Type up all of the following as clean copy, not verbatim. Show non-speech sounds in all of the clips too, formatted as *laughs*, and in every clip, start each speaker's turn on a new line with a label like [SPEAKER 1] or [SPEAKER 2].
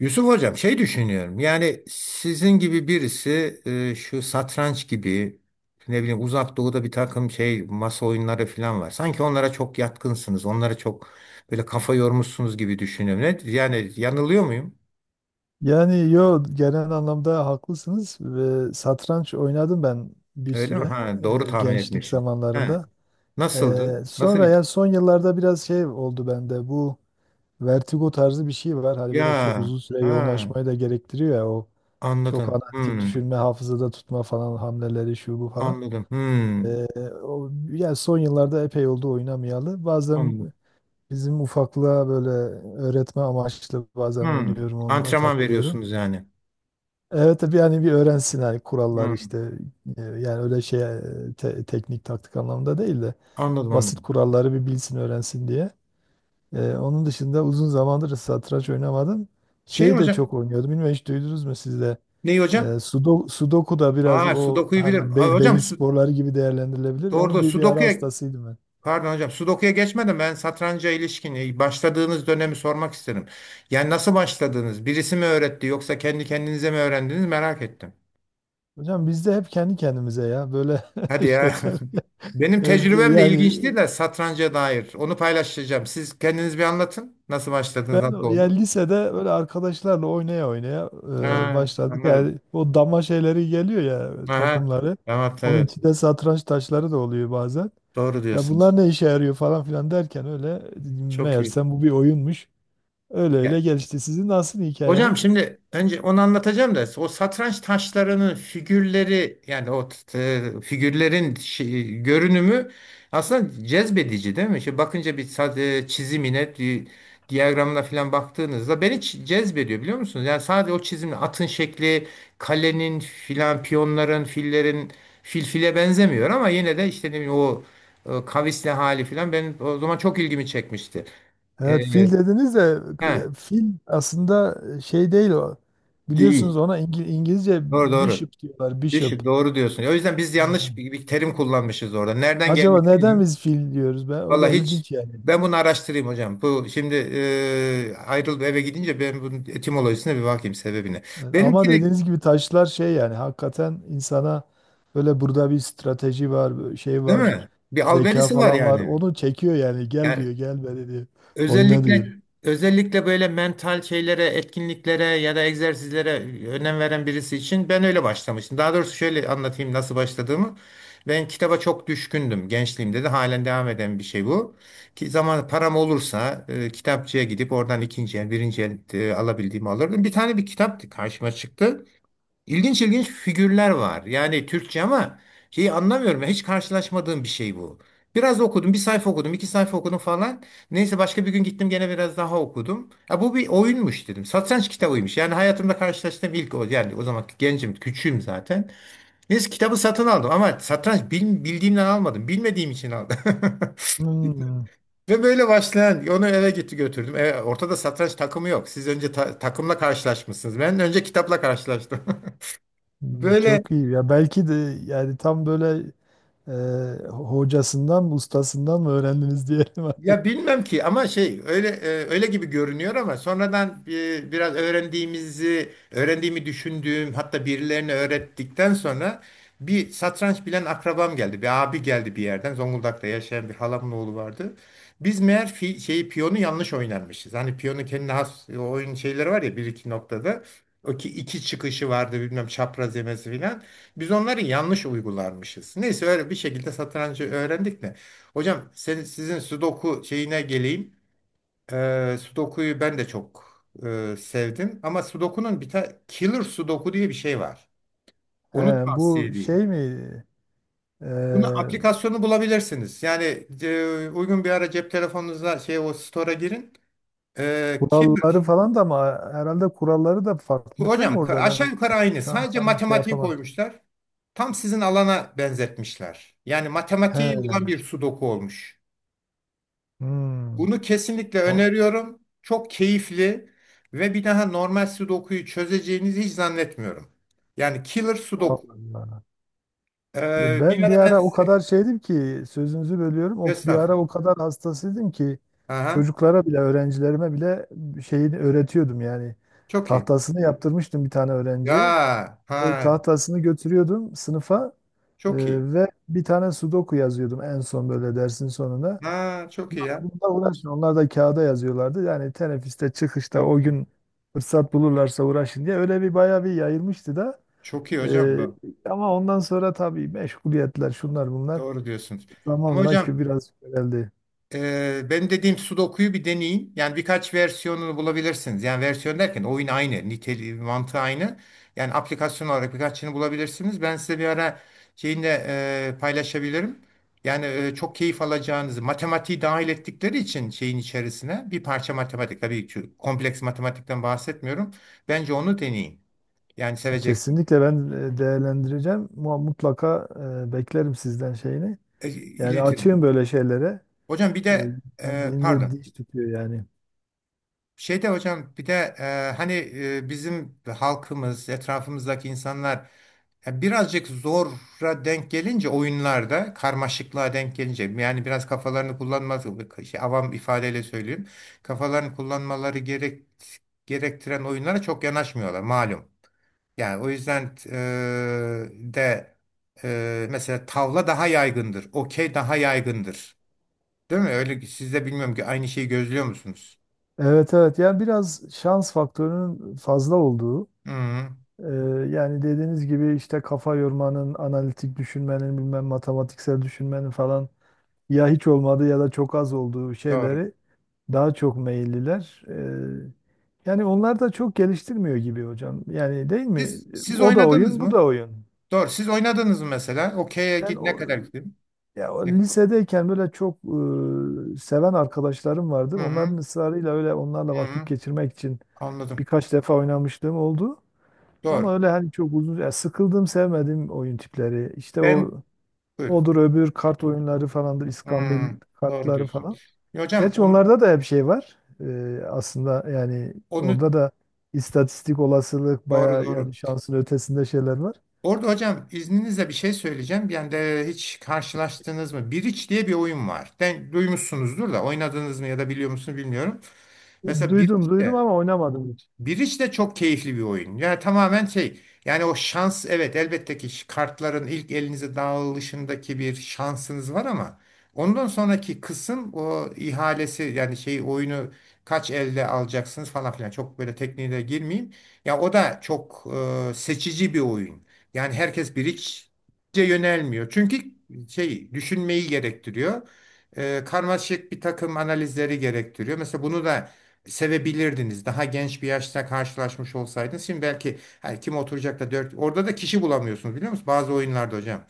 [SPEAKER 1] Yusuf Hocam şey düşünüyorum yani sizin gibi birisi şu satranç gibi ne bileyim uzak doğuda bir takım şey masa oyunları falan var. Sanki onlara çok yatkınsınız onlara çok böyle kafa yormuşsunuz gibi düşünüyorum. Ne, yani yanılıyor muyum?
[SPEAKER 2] Yani genel anlamda haklısınız ve satranç oynadım ben bir
[SPEAKER 1] Öyle mi?
[SPEAKER 2] süre
[SPEAKER 1] Ha, doğru tahmin
[SPEAKER 2] gençlik
[SPEAKER 1] etmişim. Ha,
[SPEAKER 2] zamanlarında.
[SPEAKER 1] nasıldı? Nasıl
[SPEAKER 2] Sonra
[SPEAKER 1] bir...
[SPEAKER 2] ya son yıllarda biraz şey oldu bende, bu vertigo tarzı bir şey var. Hani böyle çok
[SPEAKER 1] Ya
[SPEAKER 2] uzun süre
[SPEAKER 1] ha,
[SPEAKER 2] yoğunlaşmayı da gerektiriyor ya, o çok
[SPEAKER 1] anladım.
[SPEAKER 2] analitik
[SPEAKER 1] Hmm,
[SPEAKER 2] düşünme, hafızada tutma falan, hamleleri şu bu falan.
[SPEAKER 1] anladım. Hmm,
[SPEAKER 2] E, yani son yıllarda epey oldu oynamayalı. Bazen
[SPEAKER 1] anladım.
[SPEAKER 2] bizim ufaklığa böyle öğretme amaçlı bazen
[SPEAKER 1] Hmm.
[SPEAKER 2] oynuyorum, onunla
[SPEAKER 1] Antrenman
[SPEAKER 2] takılıyorum.
[SPEAKER 1] veriyorsunuz yani.
[SPEAKER 2] Evet tabii, yani bir öğrensin hani, kurallar
[SPEAKER 1] Hmm,
[SPEAKER 2] işte, yani öyle şey, teknik taktik anlamında değil de
[SPEAKER 1] anladım
[SPEAKER 2] basit
[SPEAKER 1] anladım.
[SPEAKER 2] kuralları bir bilsin öğrensin diye. Onun dışında uzun zamandır satranç oynamadım.
[SPEAKER 1] Şey
[SPEAKER 2] Şeyi de
[SPEAKER 1] hocam,
[SPEAKER 2] çok oynuyordum. Bilmiyorum hiç duydunuz mu siz de?
[SPEAKER 1] neyi hocam?
[SPEAKER 2] Sudoku da biraz
[SPEAKER 1] Ha,
[SPEAKER 2] o
[SPEAKER 1] Sudoku'yu bilirim.
[SPEAKER 2] hani
[SPEAKER 1] Aa,
[SPEAKER 2] beyin sporları gibi değerlendirilebilir.
[SPEAKER 1] doğru
[SPEAKER 2] Onun
[SPEAKER 1] doğru.
[SPEAKER 2] bir ara
[SPEAKER 1] Sudoku'ya
[SPEAKER 2] hastasıydım ben.
[SPEAKER 1] pardon hocam Sudoku'ya geçmeden ben satranca ilişkin başladığınız dönemi sormak isterim. Yani nasıl başladınız? Birisi mi öğretti yoksa kendi kendinize mi öğrendiniz merak ettim.
[SPEAKER 2] Hocam biz de hep kendi kendimize ya böyle *laughs*
[SPEAKER 1] Hadi ya.
[SPEAKER 2] şeyler.
[SPEAKER 1] *laughs* Benim
[SPEAKER 2] E,
[SPEAKER 1] tecrübem de
[SPEAKER 2] yani
[SPEAKER 1] ilginçti de satranca dair. Onu paylaşacağım. Siz kendiniz bir anlatın. Nasıl başladınız?
[SPEAKER 2] Ben
[SPEAKER 1] Nasıl
[SPEAKER 2] yani
[SPEAKER 1] oldu?
[SPEAKER 2] lisede böyle arkadaşlarla oynaya oynaya
[SPEAKER 1] Ha,
[SPEAKER 2] başladık.
[SPEAKER 1] anladım.
[SPEAKER 2] Yani o dama şeyleri geliyor ya,
[SPEAKER 1] Aha,
[SPEAKER 2] takımları.
[SPEAKER 1] tamam,
[SPEAKER 2] Onun
[SPEAKER 1] evet.
[SPEAKER 2] içinde satranç taşları da oluyor bazen.
[SPEAKER 1] Doğru
[SPEAKER 2] Ya bunlar
[SPEAKER 1] diyorsunuz.
[SPEAKER 2] ne işe yarıyor falan filan derken, öyle
[SPEAKER 1] Çok iyi.
[SPEAKER 2] meğersem bu bir oyunmuş. Öyle öyle gelişti. Sizin nasıl
[SPEAKER 1] Hocam
[SPEAKER 2] hikayeniz?
[SPEAKER 1] şimdi önce onu anlatacağım da o satranç taşlarının figürleri yani figürlerin görünümü aslında cezbedici değil mi? Şimdi bakınca çizimine, diyagramına falan baktığınızda beni cezbediyor biliyor musunuz? Yani sadece o çizimle atın şekli, kalenin filan, piyonların, fillerin fil file benzemiyor ama yine de işte ne bileyim o kavisli hali filan benim o zaman çok ilgimi çekmişti. E,
[SPEAKER 2] Evet, fil dediniz de
[SPEAKER 1] he,
[SPEAKER 2] fil aslında şey değil o. Biliyorsunuz
[SPEAKER 1] değil.
[SPEAKER 2] ona İngilizce
[SPEAKER 1] Doğru doğru.
[SPEAKER 2] bishop diyorlar, bishop.
[SPEAKER 1] Bishop doğru diyorsun. O yüzden biz yanlış
[SPEAKER 2] Ha.
[SPEAKER 1] bir terim kullanmışız orada. Nereden
[SPEAKER 2] Acaba
[SPEAKER 1] gelmiş
[SPEAKER 2] neden
[SPEAKER 1] bilmiyorum.
[SPEAKER 2] biz fil diyoruz be? O
[SPEAKER 1] Valla
[SPEAKER 2] da
[SPEAKER 1] hiç
[SPEAKER 2] ilginç yani.
[SPEAKER 1] ben bunu araştırayım hocam. Bu şimdi ayrılıp eve gidince ben bunun etimolojisine bir bakayım sebebine.
[SPEAKER 2] Evet, ama
[SPEAKER 1] Benimki de
[SPEAKER 2] dediğiniz gibi taşlar şey, yani hakikaten insana böyle burada bir strateji var, böyle şey
[SPEAKER 1] değil
[SPEAKER 2] var,
[SPEAKER 1] mi? Bir
[SPEAKER 2] zeka
[SPEAKER 1] alberisi var
[SPEAKER 2] falan var.
[SPEAKER 1] yani.
[SPEAKER 2] Onu çekiyor, yani gel
[SPEAKER 1] Yani
[SPEAKER 2] diyor, gel be diyor. Oyna diyor.
[SPEAKER 1] Özellikle özellikle böyle mental şeylere, etkinliklere ya da egzersizlere önem veren birisi için ben öyle başlamıştım. Daha doğrusu şöyle anlatayım nasıl başladığımı. Ben kitaba çok düşkündüm gençliğimde, de halen devam eden bir şey bu. Ki zaman param olursa kitapçıya gidip oradan ikinci el, birinci el alabildiğimi alırdım. Bir tane bir kitap karşıma çıktı. İlginç ilginç figürler var. Yani Türkçe ama şeyi anlamıyorum. Hiç karşılaşmadığım bir şey bu. Biraz okudum, bir sayfa okudum, iki sayfa okudum falan. Neyse başka bir gün gittim gene biraz daha okudum. Ya bu bir oyunmuş dedim. Satranç kitabıymış. Yani hayatımda karşılaştığım ilk o. Yani o zaman gencim, küçüğüm zaten. Neyse kitabı satın aldım ama satranç bildiğimden almadım. Bilmediğim için aldım. *laughs*
[SPEAKER 2] Hmm,
[SPEAKER 1] Ve böyle başlayan onu eve gitti götürdüm. Ortada satranç takımı yok. Siz önce takımla karşılaşmışsınız. Ben önce kitapla karşılaştım. *laughs*
[SPEAKER 2] hmm,
[SPEAKER 1] Böyle
[SPEAKER 2] çok iyi. Ya belki de yani tam böyle hocasından ustasından mı öğrendiniz diyelim artık.
[SPEAKER 1] ya bilmem ki ama şey öyle öyle gibi görünüyor ama sonradan biraz öğrendiğimi düşündüğüm, hatta birilerine öğrettikten sonra bir satranç bilen akrabam geldi. Bir abi geldi bir yerden. Zonguldak'ta yaşayan bir halamın oğlu vardı. Biz meğer şeyi piyonu yanlış oynarmışız. Hani piyonun kendine has oyun şeyleri var ya bir iki noktada. O ki iki çıkışı vardı bilmem çapraz yemesi filan. Biz onları yanlış uygularmışız. Neyse öyle bir şekilde satrancı öğrendik de. Hocam sizin Sudoku şeyine geleyim. Sudoku'yu ben de çok sevdim. Ama Sudoku'nun bir tane Killer Sudoku diye bir şey var.
[SPEAKER 2] *laughs*
[SPEAKER 1] Onu
[SPEAKER 2] He,
[SPEAKER 1] tavsiye
[SPEAKER 2] bu
[SPEAKER 1] edeyim.
[SPEAKER 2] şey mi? E,
[SPEAKER 1] Bunu aplikasyonu bulabilirsiniz. Yani uygun bir ara cep telefonunuza şey o store'a girin.
[SPEAKER 2] Kuralları
[SPEAKER 1] Killer.
[SPEAKER 2] falan da ama herhalde kuralları da farklı
[SPEAKER 1] Bu
[SPEAKER 2] değil mi
[SPEAKER 1] hocam
[SPEAKER 2] orada?
[SPEAKER 1] aşağı
[SPEAKER 2] Ben
[SPEAKER 1] yukarı aynı.
[SPEAKER 2] şu an
[SPEAKER 1] Sadece
[SPEAKER 2] tam şey
[SPEAKER 1] matematiği
[SPEAKER 2] yapamadım.
[SPEAKER 1] koymuşlar. Tam sizin alana benzetmişler. Yani matematiği olan
[SPEAKER 2] He.
[SPEAKER 1] bir Sudoku olmuş.
[SPEAKER 2] Hmm.
[SPEAKER 1] Bunu kesinlikle
[SPEAKER 2] O-
[SPEAKER 1] öneriyorum. Çok keyifli ve bir daha normal sudokuyu çözeceğinizi hiç zannetmiyorum. Yani killer
[SPEAKER 2] Allah
[SPEAKER 1] sudoku.
[SPEAKER 2] Allah.
[SPEAKER 1] Bir
[SPEAKER 2] Ben bir
[SPEAKER 1] ara ben
[SPEAKER 2] ara o kadar şeydim ki, sözünüzü bölüyorum. O bir ara o
[SPEAKER 1] estağfurullah.
[SPEAKER 2] kadar hastasıydım ki
[SPEAKER 1] Aha,
[SPEAKER 2] çocuklara bile, öğrencilerime bile şeyini öğretiyordum yani.
[SPEAKER 1] çok iyi.
[SPEAKER 2] Tahtasını yaptırmıştım bir tane öğrenciye.
[SPEAKER 1] Ya
[SPEAKER 2] O
[SPEAKER 1] ha,
[SPEAKER 2] tahtasını götürüyordum sınıfa, e,
[SPEAKER 1] çok iyi.
[SPEAKER 2] ve bir tane sudoku yazıyordum en son böyle dersin sonunda.
[SPEAKER 1] Ha, çok iyi ya.
[SPEAKER 2] Bununla uğraşın. Onlar da kağıda yazıyorlardı. Yani teneffüste, çıkışta, o
[SPEAKER 1] Çok iyi.
[SPEAKER 2] gün fırsat bulurlarsa uğraşın diye, öyle bir bayağı bir yayılmıştı da.
[SPEAKER 1] Çok iyi hocam
[SPEAKER 2] Ee,
[SPEAKER 1] bu.
[SPEAKER 2] Ama ondan sonra tabii meşguliyetler, şunlar bunlar,
[SPEAKER 1] Doğru diyorsunuz. Ama
[SPEAKER 2] zamanla ki
[SPEAKER 1] hocam
[SPEAKER 2] biraz köreldi.
[SPEAKER 1] Benim dediğim Sudoku'yu bir deneyin. Yani birkaç versiyonunu bulabilirsiniz. Yani versiyon derken oyun aynı, niteliği, mantığı aynı. Yani aplikasyon olarak birkaçını bulabilirsiniz. Ben size bir ara şeyini de paylaşabilirim. Yani çok keyif alacağınızı, matematiği dahil ettikleri için şeyin içerisine bir parça matematik, tabii ki kompleks matematikten bahsetmiyorum. Bence onu deneyin. Yani seveceksin.
[SPEAKER 2] Kesinlikle ben değerlendireceğim. Mutlaka beklerim sizden şeyini. Yani
[SPEAKER 1] İletirim.
[SPEAKER 2] açığım böyle şeylere.
[SPEAKER 1] Hocam bir de
[SPEAKER 2] İnsan zihninde
[SPEAKER 1] pardon.
[SPEAKER 2] diş tutuyor yani.
[SPEAKER 1] Şeyde hocam bir de hani bizim halkımız, etrafımızdaki insanlar birazcık zora denk gelince oyunlarda, karmaşıklığa denk gelince yani biraz kafalarını kullanmaz, şey, avam ifadeyle söyleyeyim. Kafalarını kullanmaları gerektiren oyunlara çok yanaşmıyorlar malum. Yani o yüzden de mesela tavla daha yaygındır, okey daha yaygındır. Değil mi? Öyle, siz de bilmiyorum ki aynı şeyi gözlüyor musunuz?
[SPEAKER 2] Evet evet, yani biraz şans faktörünün fazla olduğu,
[SPEAKER 1] Hı,
[SPEAKER 2] e, yani dediğiniz gibi işte kafa yormanın, analitik düşünmenin, bilmem matematiksel düşünmenin falan ya hiç olmadı ya da çok az olduğu
[SPEAKER 1] doğru.
[SPEAKER 2] şeyleri daha çok meyilliler. Yani onlar da çok geliştirmiyor gibi hocam. Yani değil mi?
[SPEAKER 1] Siz
[SPEAKER 2] O da
[SPEAKER 1] oynadınız
[SPEAKER 2] oyun, bu
[SPEAKER 1] mı?
[SPEAKER 2] da oyun.
[SPEAKER 1] Doğru. Siz oynadınız mı mesela? Okey'e
[SPEAKER 2] Ben
[SPEAKER 1] ne
[SPEAKER 2] o,
[SPEAKER 1] kadar gidin?
[SPEAKER 2] ya, o
[SPEAKER 1] Ne-
[SPEAKER 2] lisedeyken böyle çok seven arkadaşlarım vardı.
[SPEAKER 1] Hı
[SPEAKER 2] Onların
[SPEAKER 1] hı,
[SPEAKER 2] ısrarıyla öyle onlarla
[SPEAKER 1] hı
[SPEAKER 2] vakit
[SPEAKER 1] hı.
[SPEAKER 2] geçirmek için
[SPEAKER 1] Anladım.
[SPEAKER 2] birkaç defa oynamışlığım oldu.
[SPEAKER 1] Doğru.
[SPEAKER 2] Ama öyle hani çok uzun, ya sıkıldım, sevmedim oyun tipleri. İşte o
[SPEAKER 1] Ben buyurun.
[SPEAKER 2] odur, öbür kart oyunları falandır,
[SPEAKER 1] Hı,
[SPEAKER 2] iskambil
[SPEAKER 1] doğru
[SPEAKER 2] kartları
[SPEAKER 1] diyorsun.
[SPEAKER 2] falan.
[SPEAKER 1] Ya hocam
[SPEAKER 2] Gerçi onlarda da hep şey var. Aslında yani
[SPEAKER 1] onu
[SPEAKER 2] orada da istatistik olasılık
[SPEAKER 1] doğru
[SPEAKER 2] bayağı,
[SPEAKER 1] doğru.
[SPEAKER 2] yani şansın ötesinde şeyler var.
[SPEAKER 1] Orada hocam izninizle bir şey söyleyeceğim. Yani de hiç karşılaştınız mı? Biriç diye bir oyun var. Den, duymuşsunuzdur da oynadınız mı ya da biliyor musunuz bilmiyorum. Mesela
[SPEAKER 2] Duydum
[SPEAKER 1] Biriç,
[SPEAKER 2] duydum ama oynamadım hiç.
[SPEAKER 1] Bridge de çok keyifli bir oyun. Yani tamamen şey yani o şans, evet elbette ki kartların ilk elinize dağılışındaki bir şansınız var ama ondan sonraki kısım o ihalesi yani şey oyunu kaç elde alacaksınız falan filan, çok böyle tekniğe girmeyeyim. Ya o da çok seçici bir oyun. Yani herkes Bridge'e yönelmiyor. Çünkü şey düşünmeyi gerektiriyor. Karmaşık bir takım analizleri gerektiriyor. Mesela bunu da sevebilirdiniz. Daha genç bir yaşta karşılaşmış olsaydınız. Şimdi belki her kim oturacak da dört. Orada da kişi bulamıyorsunuz biliyor musunuz? Bazı oyunlarda hocam.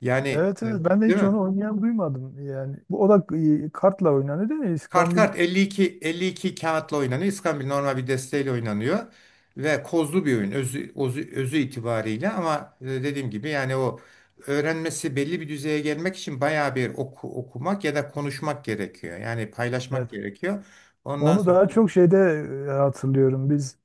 [SPEAKER 1] Yani
[SPEAKER 2] Evet
[SPEAKER 1] evet.
[SPEAKER 2] evet, ben de
[SPEAKER 1] Değil
[SPEAKER 2] hiç
[SPEAKER 1] mi?
[SPEAKER 2] onu oynayan duymadım. Yani bu o da kartla oynanıyor değil mi?
[SPEAKER 1] Kart
[SPEAKER 2] İskambil
[SPEAKER 1] kart 52 kağıtla oynanıyor. İskambil normal bir desteğiyle oynanıyor. Ve kozlu bir oyun özü itibariyle ama dediğim gibi yani o öğrenmesi belli bir düzeye gelmek için bayağı bir okumak ya da konuşmak gerekiyor. Yani paylaşmak
[SPEAKER 2] evet.
[SPEAKER 1] gerekiyor. Ondan
[SPEAKER 2] Onu
[SPEAKER 1] sonra
[SPEAKER 2] daha çok şeyde hatırlıyorum. Biz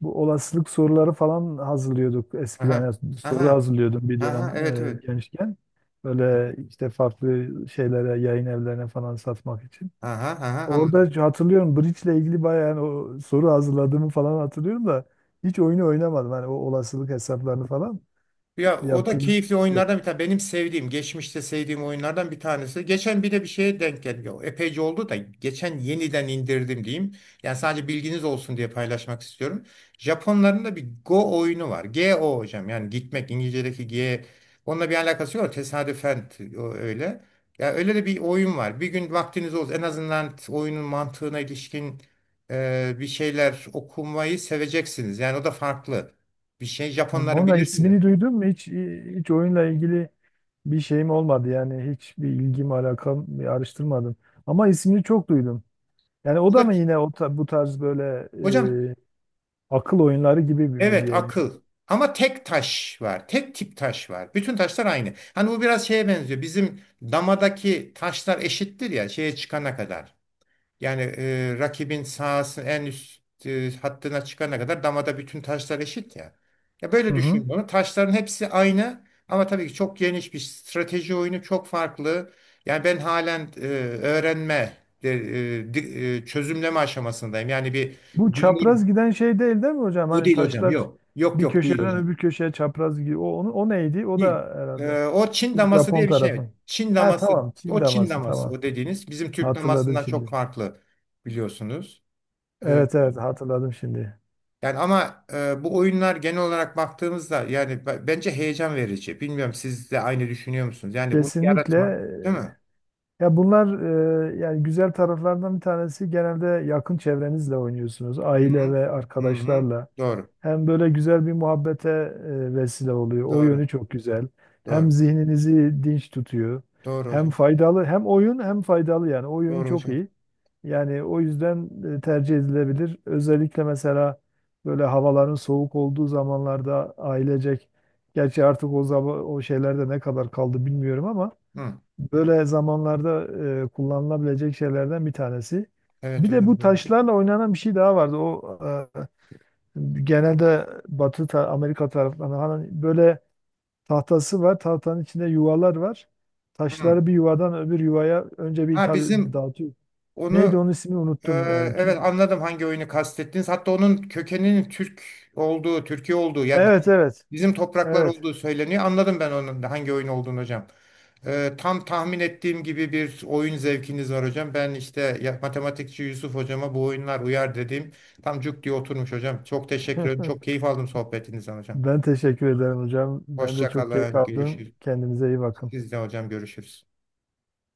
[SPEAKER 2] bu olasılık soruları falan hazırlıyorduk eskiden.
[SPEAKER 1] aha,
[SPEAKER 2] Yani soru
[SPEAKER 1] aha,
[SPEAKER 2] hazırlıyordum bir
[SPEAKER 1] aha,
[SPEAKER 2] dönem
[SPEAKER 1] evet, evet,
[SPEAKER 2] gençken. Böyle işte farklı şeylere, yayın evlerine falan satmak için.
[SPEAKER 1] aha, aha, anladım.
[SPEAKER 2] Orada hatırlıyorum, Bridge ile ilgili bayağı, yani o soru hazırladığımı falan hatırlıyorum da hiç oyunu oynamadım. Hani o olasılık hesaplarını falan
[SPEAKER 1] Ya o da
[SPEAKER 2] yaptığımız.
[SPEAKER 1] keyifli oyunlardan bir tane. Benim sevdiğim, geçmişte sevdiğim oyunlardan bir tanesi. Geçen bir de bir şeye denk geldi. O epeyce oldu da geçen yeniden indirdim diyeyim. Yani sadece bilginiz olsun diye paylaşmak istiyorum. Japonların da bir Go oyunu var. G-O hocam, yani gitmek İngilizce'deki G. Onunla bir alakası yok. Tesadüfen o öyle. Ya öyle de bir oyun var. Bir gün vaktiniz olsun, en azından oyunun mantığına ilişkin bir şeyler okumayı seveceksiniz. Yani o da farklı bir şey. Japonların,
[SPEAKER 2] Onun
[SPEAKER 1] bilirsiniz.
[SPEAKER 2] ismini duydun mu? Hiç, hiç oyunla ilgili bir şeyim olmadı, yani hiçbir ilgim alakam, bir araştırmadım. Ama ismini çok duydum. Yani o
[SPEAKER 1] O da,
[SPEAKER 2] da mı yine o bu tarz böyle
[SPEAKER 1] hocam
[SPEAKER 2] e, akıl oyunları gibi bir mi
[SPEAKER 1] evet,
[SPEAKER 2] diyelim?
[SPEAKER 1] akıl. Ama tek taş var. Tek tip taş var. Bütün taşlar aynı. Hani bu biraz şeye benziyor. Bizim damadaki taşlar eşittir ya şeye çıkana kadar. Yani rakibin sahasının en üst hattına çıkana kadar damada bütün taşlar eşit ya. Ya
[SPEAKER 2] Hı
[SPEAKER 1] böyle
[SPEAKER 2] hı.
[SPEAKER 1] düşün bunu. Taşların hepsi aynı ama tabii ki çok geniş bir strateji oyunu, çok farklı. Yani ben halen öğrenme, de- çözümleme aşamasındayım. Yani bir
[SPEAKER 2] Bu çapraz
[SPEAKER 1] biliyorum.
[SPEAKER 2] giden şey değil değil mi hocam?
[SPEAKER 1] O
[SPEAKER 2] Hani
[SPEAKER 1] değil hocam,
[SPEAKER 2] taşlar
[SPEAKER 1] yok. Yok,
[SPEAKER 2] bir
[SPEAKER 1] yok, değil
[SPEAKER 2] köşeden
[SPEAKER 1] hocam.
[SPEAKER 2] öbür köşeye çapraz gidiyor. O, onu, o neydi? O
[SPEAKER 1] Değil.
[SPEAKER 2] da herhalde
[SPEAKER 1] O Çin daması
[SPEAKER 2] Japon
[SPEAKER 1] diye bir şey. Evet.
[SPEAKER 2] tarafın.
[SPEAKER 1] Çin
[SPEAKER 2] Ha
[SPEAKER 1] daması.
[SPEAKER 2] tamam, Çin
[SPEAKER 1] O Çin
[SPEAKER 2] daması
[SPEAKER 1] daması,
[SPEAKER 2] tamam.
[SPEAKER 1] o dediğiniz bizim Türk
[SPEAKER 2] Hatırladım
[SPEAKER 1] damasından çok
[SPEAKER 2] şimdi.
[SPEAKER 1] farklı biliyorsunuz. Ee,
[SPEAKER 2] Evet evet, hatırladım şimdi.
[SPEAKER 1] yani ama bu oyunlar genel olarak baktığımızda yani bence heyecan verici. Bilmiyorum siz de aynı düşünüyor musunuz? Yani bunu
[SPEAKER 2] Kesinlikle.
[SPEAKER 1] yaratmak, değil mi?
[SPEAKER 2] Ya bunlar yani güzel taraflardan bir tanesi, genelde yakın çevrenizle oynuyorsunuz.
[SPEAKER 1] Hı
[SPEAKER 2] Aile
[SPEAKER 1] hı.
[SPEAKER 2] ve
[SPEAKER 1] Hı hı.
[SPEAKER 2] arkadaşlarla.
[SPEAKER 1] Doğru.
[SPEAKER 2] Hem böyle güzel bir muhabbete vesile oluyor. O
[SPEAKER 1] Doğru.
[SPEAKER 2] yönü çok güzel. Hem
[SPEAKER 1] Doğru.
[SPEAKER 2] zihninizi dinç tutuyor.
[SPEAKER 1] Doğru
[SPEAKER 2] Hem
[SPEAKER 1] hocam.
[SPEAKER 2] faydalı, hem oyun, hem faydalı, yani o yönü
[SPEAKER 1] Doğru
[SPEAKER 2] çok
[SPEAKER 1] hocam.
[SPEAKER 2] iyi. Yani o yüzden tercih edilebilir. Özellikle mesela böyle havaların soğuk olduğu zamanlarda ailecek, gerçi artık o zaman o şeylerde ne kadar kaldı bilmiyorum ama
[SPEAKER 1] Hı.
[SPEAKER 2] böyle zamanlarda kullanılabilecek şeylerden bir tanesi.
[SPEAKER 1] Evet
[SPEAKER 2] Bir de
[SPEAKER 1] hocam,
[SPEAKER 2] bu
[SPEAKER 1] doğru.
[SPEAKER 2] taşlarla oynanan bir şey daha vardı. O genelde Batı Amerika taraflarında, hani böyle tahtası var. Tahtanın içinde yuvalar var.
[SPEAKER 1] Hı.
[SPEAKER 2] Taşları bir yuvadan öbür yuvaya önce bir
[SPEAKER 1] Ha
[SPEAKER 2] tabii
[SPEAKER 1] bizim
[SPEAKER 2] dağıtıyor. Neydi,
[SPEAKER 1] onu.
[SPEAKER 2] onun ismini
[SPEAKER 1] Ee,
[SPEAKER 2] unuttum. Yani
[SPEAKER 1] evet anladım hangi oyunu kastettiniz. Hatta onun kökeninin Türk olduğu, Türkiye olduğu, yani
[SPEAKER 2] evet evet.
[SPEAKER 1] bizim topraklar
[SPEAKER 2] Evet.
[SPEAKER 1] olduğu söyleniyor. Anladım ben onun da hangi oyun olduğunu hocam. Tam tahmin ettiğim gibi bir oyun zevkiniz var hocam. Ben işte matematikçi Yusuf hocama bu oyunlar uyar dediğim tam cuk diye oturmuş hocam. Çok teşekkür ederim. Çok keyif aldım sohbetinizden hocam.
[SPEAKER 2] Ben teşekkür ederim hocam. Ben de
[SPEAKER 1] Hoşça
[SPEAKER 2] çok keyif
[SPEAKER 1] kalın.
[SPEAKER 2] aldım.
[SPEAKER 1] Görüşürüz.
[SPEAKER 2] Kendinize iyi bakın.
[SPEAKER 1] Siz de hocam, görüşürüz.